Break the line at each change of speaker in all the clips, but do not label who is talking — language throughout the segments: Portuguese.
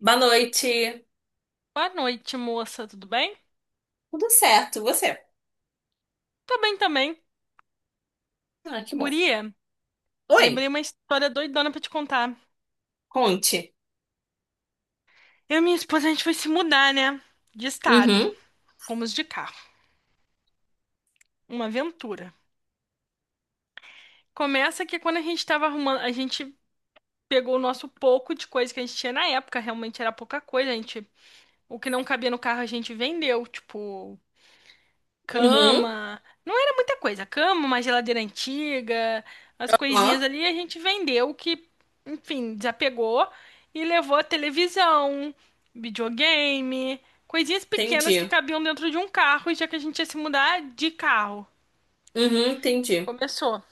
Boa noite.
Boa noite, moça, tudo bem?
Tudo certo, você?
Tô bem também.
Ah, que bom.
Guria,
Oi,
lembrei uma história doidona pra te contar.
conte.
Eu e minha esposa, a gente foi se mudar, né? De estado.
Uhum,
Fomos de carro. Uma aventura. Começa que quando a gente tava arrumando, a gente pegou o nosso pouco de coisa que a gente tinha na época, realmente era pouca coisa, a gente. O que não cabia no carro a gente vendeu, tipo,
uhum,
cama. Não era muita coisa. Cama, uma geladeira antiga, as coisinhas
ó,
ali a gente vendeu que, enfim, desapegou e levou a televisão, videogame, coisinhas pequenas que
entendi.
cabiam dentro de um carro, e já que a gente ia se mudar de carro.
Uhum, entendi.
Começou.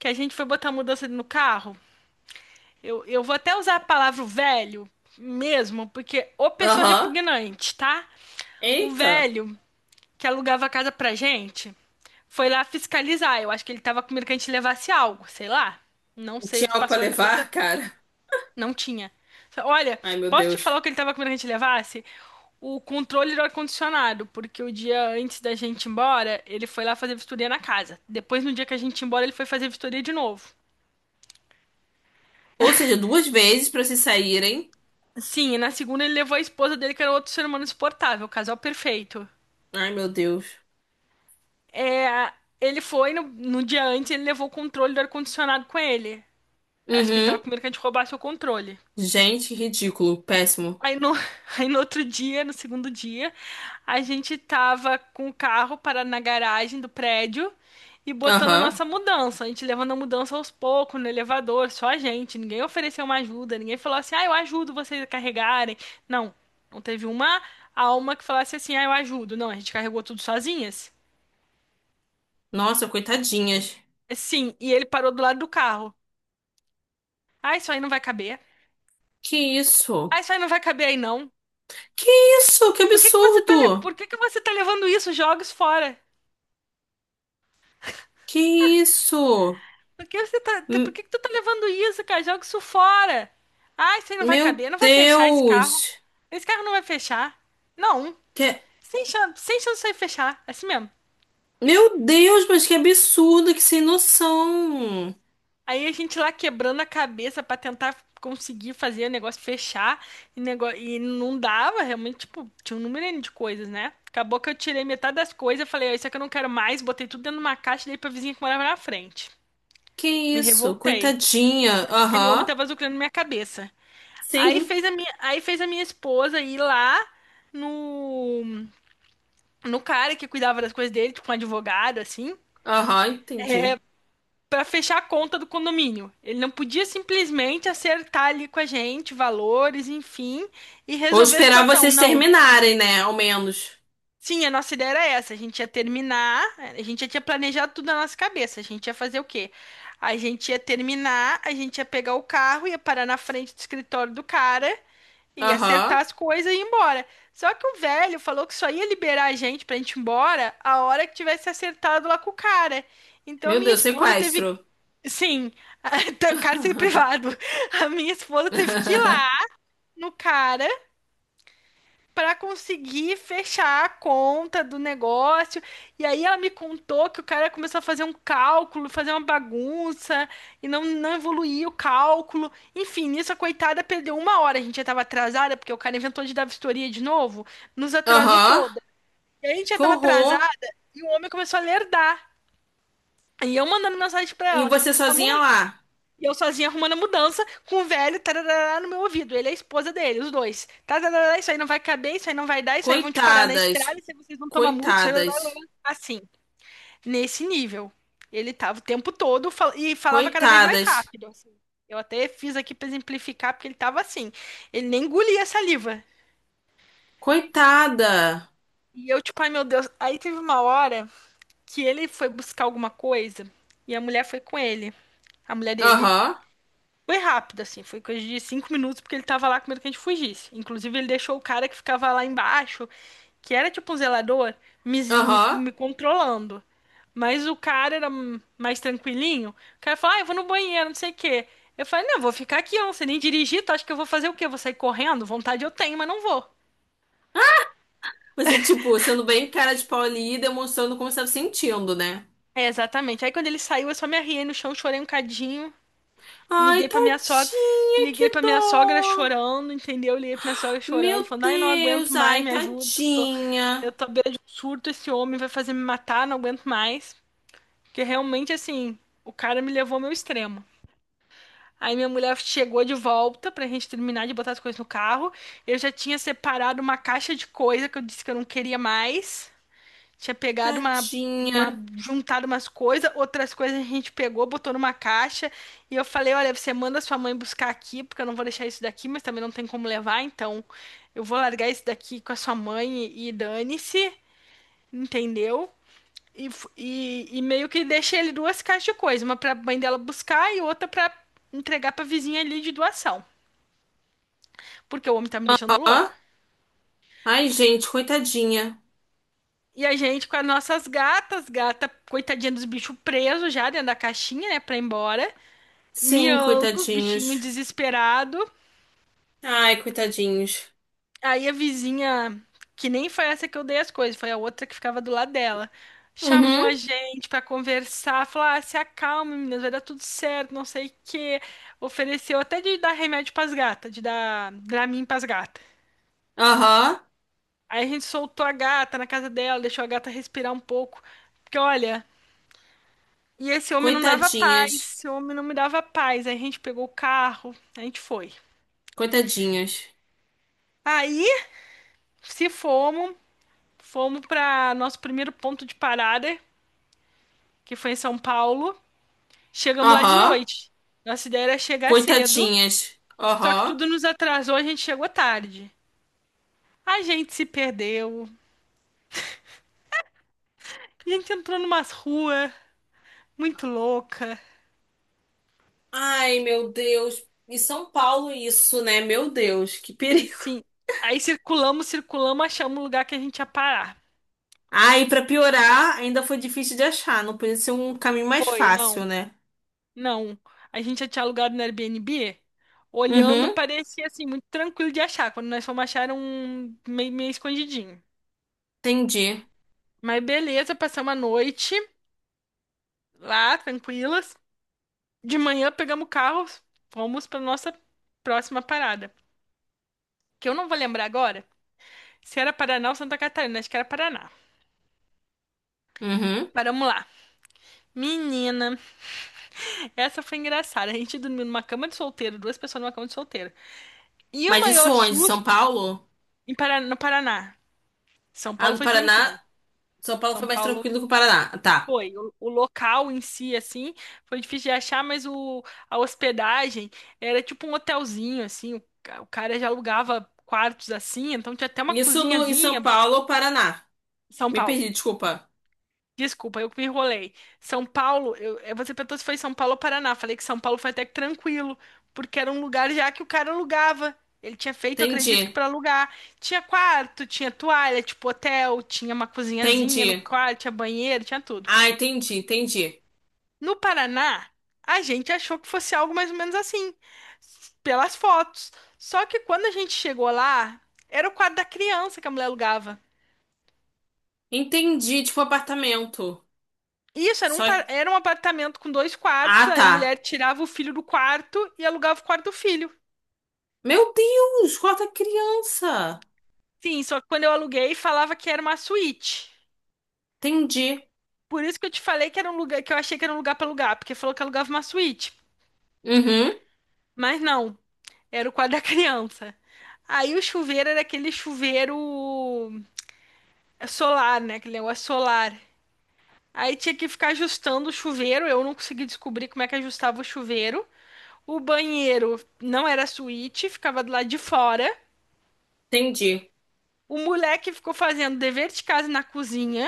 Que a gente foi botar a mudança no carro. Eu vou até usar a palavra velho mesmo, porque ô pessoa
Aham.
repugnante, tá? O
Eita,
velho que alugava a casa pra gente. Foi lá fiscalizar. Eu acho que ele tava com medo que a gente levasse algo, sei lá. Não sei o
tinha
que
algo pra
passou na cabeça.
levar, cara.
Não tinha. Olha,
Ai, meu
posso te
Deus.
falar o que ele tava com medo que a gente levasse? O controle do ar-condicionado, porque o dia antes da gente ir embora, ele foi lá fazer vistoria na casa. Depois, no dia que a gente ia embora, ele foi fazer vistoria de novo.
Ou seja, duas vezes pra se saírem.
Sim, e na segunda ele levou a esposa dele, que era outro ser humano insuportável, casal perfeito.
Ai, meu Deus.
É, ele foi, no dia antes, ele levou o controle do ar-condicionado com ele. Acho que ele tava
Uhum.
com medo que a gente roubasse o controle.
Gente, ridículo, péssimo.
Aí no, aí no outro dia, no segundo dia, a gente tava com o carro parado na garagem do prédio e botando a
Aham.
nossa mudança. A gente levando a mudança aos poucos, no elevador, só a gente. Ninguém ofereceu uma ajuda, ninguém falou assim, ah, eu ajudo vocês a carregarem. Não, não teve uma alma que falasse assim, ah, eu ajudo. Não, a gente carregou tudo sozinhas.
Nossa, coitadinhas.
Sim, e ele parou do lado do carro. Ah, isso aí não vai caber.
Que
Ah,
isso?
isso aí não vai caber aí não.
Que isso? Que
Por que que você tá,
absurdo!
por que que você tá levando isso? Joga isso fora.
Que isso?
Por que você tá, por
M-
que que tu tá levando isso, cara? Joga isso fora. Ai, isso aí não vai
Meu
caber, não vai fechar esse carro.
Deus!
Esse carro não vai fechar. Não,
Que...
sem chance, sem chance de fechar, é assim mesmo.
Meu Deus, mas que absurdo, que sem noção.
Aí a gente lá quebrando a cabeça pra tentar conseguir fazer o negócio fechar e, e não dava, realmente, tipo, tinha um número N de coisas, né? Acabou que eu tirei metade das coisas, falei, "Ó, isso aqui eu não quero mais, botei tudo dentro de uma caixa e dei pra vizinha que morava na frente.
Que
Me
isso,
revoltei,
coitadinha.
porque aquele homem
Aham,
tava zucrando minha cabeça. Aí
sim,
fez a minha, aí fez a minha esposa ir lá no, no cara que cuidava das coisas dele, tipo um advogado, assim,
aham, entendi.
pra fechar a conta do condomínio. Ele não podia simplesmente acertar ali com a gente valores, enfim, e
Vou
resolver a
esperar
situação.
vocês
Não.
terminarem, né? Ao menos.
Sim, a nossa ideia era essa. A gente ia terminar, a gente já tinha planejado tudo na nossa cabeça. A gente ia fazer o quê? A gente ia terminar, a gente ia pegar o carro, ia parar na frente do escritório do cara e
Aham,
acertar as coisas e ir embora. Só que o velho falou que só ia liberar a gente pra gente ir embora a hora que tivesse acertado lá com o cara. Então a
meu
minha
Deus,
esposa teve.
sequestro.
Sim, cárcere privado. A minha esposa teve que ir lá no cara para conseguir fechar a conta do negócio. E aí ela me contou que o cara começou a fazer um cálculo, fazer uma bagunça e não evoluía o cálculo. Enfim, nisso a coitada perdeu uma hora. A gente já estava atrasada, porque o cara inventou de dar vistoria de novo, nos atrasou
Aham,
toda. E a gente já
que
estava atrasada
horror.
e o homem começou a lerdar. E eu mandando mensagem para
E
ela:
você
Amor,
sozinha lá.
e eu sozinha arrumando a mudança com o velho tarará no meu ouvido. Ele é a esposa dele, os dois. Tarará, isso aí não vai caber, isso aí não vai dar, isso aí vão te parar na
Coitadas,
estrada, isso aí vocês vão tomar multa, isso aí, lá,
coitadas,
lá, lá. Assim, nesse nível. Ele tava o tempo todo e falava cada vez mais
coitadas,
rápido, assim. Eu até fiz aqui pra exemplificar, porque ele tava assim. Ele nem engolia a saliva.
coitada.
E eu, tipo, ai meu Deus. Aí teve uma hora que ele foi buscar alguma coisa e a mulher foi com ele, a mulher dele.
Aham,
Foi rápido, assim, foi coisa de 5 minutos, porque ele tava lá com medo que a gente fugisse. Inclusive, ele deixou o cara que ficava lá embaixo, que era tipo um zelador,
aham.
me controlando. Mas o cara era mais tranquilinho. O cara falou, ah, eu vou no banheiro, não sei o quê. Eu falei, não, eu vou ficar aqui, eu não sei nem dirigir, tu acha que eu vou fazer o quê? Eu vou sair correndo? Vontade eu tenho, mas não vou.
Você, tipo, sendo bem cara de pau ali e demonstrando como você tava sentindo, né?
É, exatamente. Aí quando ele saiu, eu só me arriei no chão, chorei um cadinho.
Ai,
Liguei pra minha sogra,
tadinha,
liguei
que
pra minha sogra
dó!
chorando, entendeu? Liguei pra minha sogra chorando,
Meu
falando, ai, não aguento
Deus,
mais,
ai,
me ajuda. Eu
tadinha,
tô à beira de um surto, esse homem vai fazer me matar, não aguento mais. Porque realmente, assim, o cara me levou ao meu extremo. Aí minha mulher chegou de volta pra gente terminar de botar as coisas no carro. Eu já tinha separado uma caixa de coisa que eu disse que eu não queria mais. Tinha pegado uma,
tadinha.
uma juntado umas coisas, outras coisas a gente pegou, botou numa caixa. E eu falei: Olha, você manda sua mãe buscar aqui, porque eu não vou deixar isso daqui, mas também não tem como levar. Então eu vou largar isso daqui com a sua mãe e dane-se, entendeu? E, e meio que deixei ele duas caixas de coisa: uma pra mãe dela buscar e outra pra entregar pra vizinha ali de doação, porque o homem tá me deixando
Ó,
louca.
ai, gente, coitadinha.
E a gente com as nossas gatas, gata, coitadinha dos bichos presos já dentro da caixinha, né, pra ir embora.
Sim,
Miando, os bichinhos
coitadinhos.
desesperados.
Ai, coitadinhos.
Aí a vizinha, que nem foi essa que eu dei as coisas, foi a outra que ficava do lado dela. Chamou
Uhum,
a gente pra conversar, falou: ah, se acalma, meninas, vai dar tudo certo, não sei o quê. Ofereceu até de dar remédio pras gatas, de dar Dramin pras gatas.
aham,
Aí a gente soltou a gata na casa dela, deixou a gata respirar um pouco. Porque olha, e esse homem não dava paz,
coitadinhas,
esse homem não me dava paz. Aí a gente pegou o carro, a gente foi.
coitadinhas.
Aí se fomos. Fomos para nosso primeiro ponto de parada, que foi em São Paulo. Chegamos lá de
Aham,
noite. Nossa ideia era chegar cedo,
coitadinhas,
só que
aham.
tudo nos atrasou, a gente chegou tarde. A gente se perdeu. A gente entrou numa rua muito louca.
Ai, meu Deus. Em São Paulo, isso, né? Meu Deus, que perigo.
Assim, aí circulamos, circulamos, achamos o lugar que a gente ia parar.
Ah, e pra piorar, ainda foi difícil de achar. Não podia ser um caminho mais
Foi,
fácil,
não,
né?
não. A gente já tinha alugado no Airbnb. Olhando,
Uhum,
parecia assim, muito tranquilo de achar. Quando nós fomos achar, era um meio escondidinho.
entendi.
Mas beleza, passamos a noite lá, tranquilas. De manhã pegamos o carro, fomos para nossa próxima parada. Que eu não vou lembrar agora se era Paraná ou Santa Catarina, acho que era Paraná.
Uhum.
Paramos lá. Menina, essa foi engraçada. A gente dormiu numa cama de solteiro, duas pessoas numa cama de solteiro. E o
Mas isso
maior
onde? São
susto
Paulo?
em Paraná, no Paraná. São
Ah,
Paulo
no
foi
Paraná.
tranquilo.
São Paulo foi
São
mais
Paulo
tranquilo que o Paraná. Tá.
foi, o local em si, assim, foi difícil de achar, mas o, a hospedagem era tipo um hotelzinho, assim, o, o cara já alugava quartos assim, então tinha até uma
Isso no, em São
cozinhazinha.
Paulo ou Paraná?
São
Me
Paulo.
perdi, desculpa.
Desculpa, eu que me enrolei. São Paulo, eu, você perguntou se foi São Paulo ou Paraná. Falei que São Paulo foi até que tranquilo, porque era um lugar já que o cara alugava. Ele tinha feito, acredito que
Entendi.
para alugar. Tinha quarto, tinha toalha, tipo hotel, tinha uma cozinhazinha no
Entendi.
quarto, tinha banheiro, tinha tudo.
Ah, entendi, entendi.
No Paraná, a gente achou que fosse algo mais ou menos assim, pelas fotos. Só que quando a gente chegou lá, era o quarto da criança que a mulher alugava.
Entendi, tipo apartamento.
Isso, era um,
Só.
era um apartamento com dois
Ah,
quartos, aí a
tá.
mulher tirava o filho do quarto e alugava o quarto do filho.
Meu Deus, quarta criança.
Sim, só que quando eu aluguei, falava que era uma suíte.
Entendi.
Por isso que eu te falei que era um lugar, que eu achei que era um lugar pra alugar, porque falou que alugava uma suíte.
Uhum,
Mas não, era o quarto da criança. Aí o chuveiro era aquele chuveiro é solar, né? Aquele negócio solar. Aí tinha que ficar ajustando o chuveiro. Eu não consegui descobrir como é que ajustava o chuveiro. O banheiro não era suíte, ficava do lado de fora.
entendi.
O moleque ficou fazendo dever de casa na cozinha.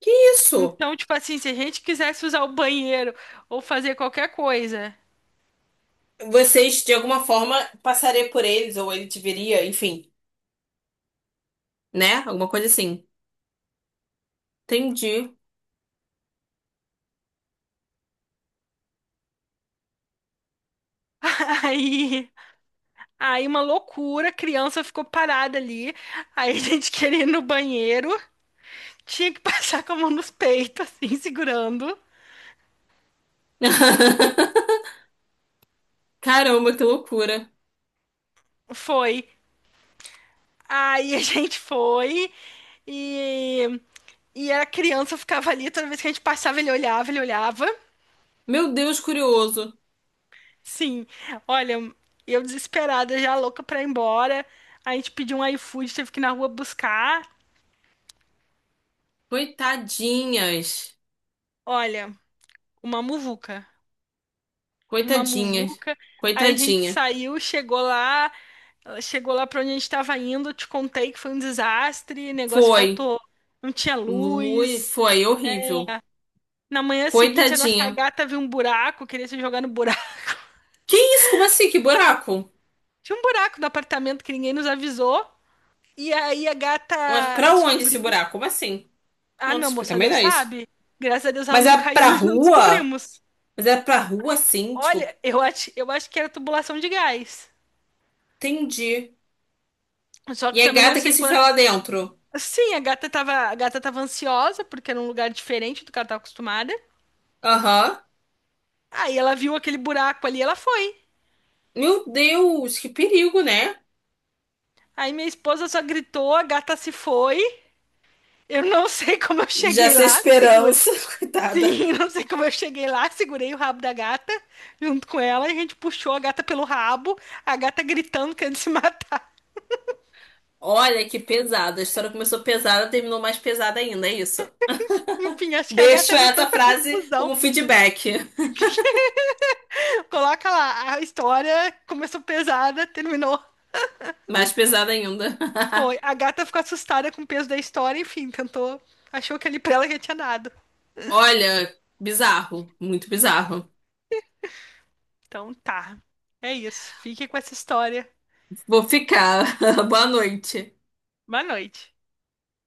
Que isso?
Então, tipo assim, se a gente quisesse usar o banheiro ou fazer qualquer coisa,
Vocês, de alguma forma, passaria por eles, ou ele te veria, enfim, né? Alguma coisa assim. Entendi.
aí, aí uma loucura, a criança ficou parada ali. Aí a gente queria ir no banheiro, tinha que passar com a mão nos peitos, assim, segurando.
Caramba, que loucura.
Foi. Aí a gente foi e, e a criança ficava ali, toda vez que a gente passava, ele olhava, ele olhava.
Meu Deus, curioso.
Sim, olha, eu desesperada, já louca pra ir embora. A gente pediu um iFood, teve que ir na rua buscar.
Coitadinhas.
Olha, uma muvuca, uma
Coitadinhas.
muvuca. Aí a gente
Coitadinha.
saiu, chegou lá pra onde a gente tava indo. Te contei que foi um desastre, negócio
Foi.
faltou, não tinha
Lui,
luz.
foi horrível.
Na manhã seguinte, a nossa
Coitadinha.
gata viu um buraco, queria se jogar no buraco.
Que isso? Como assim? Que buraco?
Tinha um buraco no apartamento que ninguém nos avisou. E aí a
Mas
gata
pra onde esse
descobriu.
buraco? Como assim?
Ah,
Não, te
meu
explica
moça, Deus
melhor isso.
sabe. Graças a Deus ela
Mas
não
é
caiu,
pra
nós não
rua?
descobrimos.
Mas é pra rua, sim, tipo,
Olha, eu acho que era tubulação de gás.
entendi.
Só
E
que
é
também não
gata que
sei
se
quando.
enfia lá dentro.
Sim, a gata tava ansiosa, porque era um lugar diferente do que ela tava acostumada.
Aham.
Aí ela viu aquele buraco ali, ela foi.
Meu Deus, que perigo, né?
Aí minha esposa só gritou, a gata se foi. Eu não sei como eu
Já
cheguei
sem
lá, segura.
esperança, coitada.
Sim, não sei como eu cheguei lá, segurei o rabo da gata junto com ela, e a gente puxou a gata pelo rabo, a gata gritando querendo se matar.
Olha que pesada. A história começou pesada, terminou mais pesada ainda, é isso.
Enfim, acho que a
Deixo
gata viu
essa
tanta
frase
confusão.
como feedback.
Coloca lá, a história começou pesada, terminou.
Mais pesada ainda.
Foi. A gata ficou assustada com o peso da história, enfim, tentou. Achou que ali pra ela já tinha dado.
Olha, bizarro, muito bizarro.
Então tá. É isso. Fique com essa história.
Vou ficar. Boa noite.
Boa noite.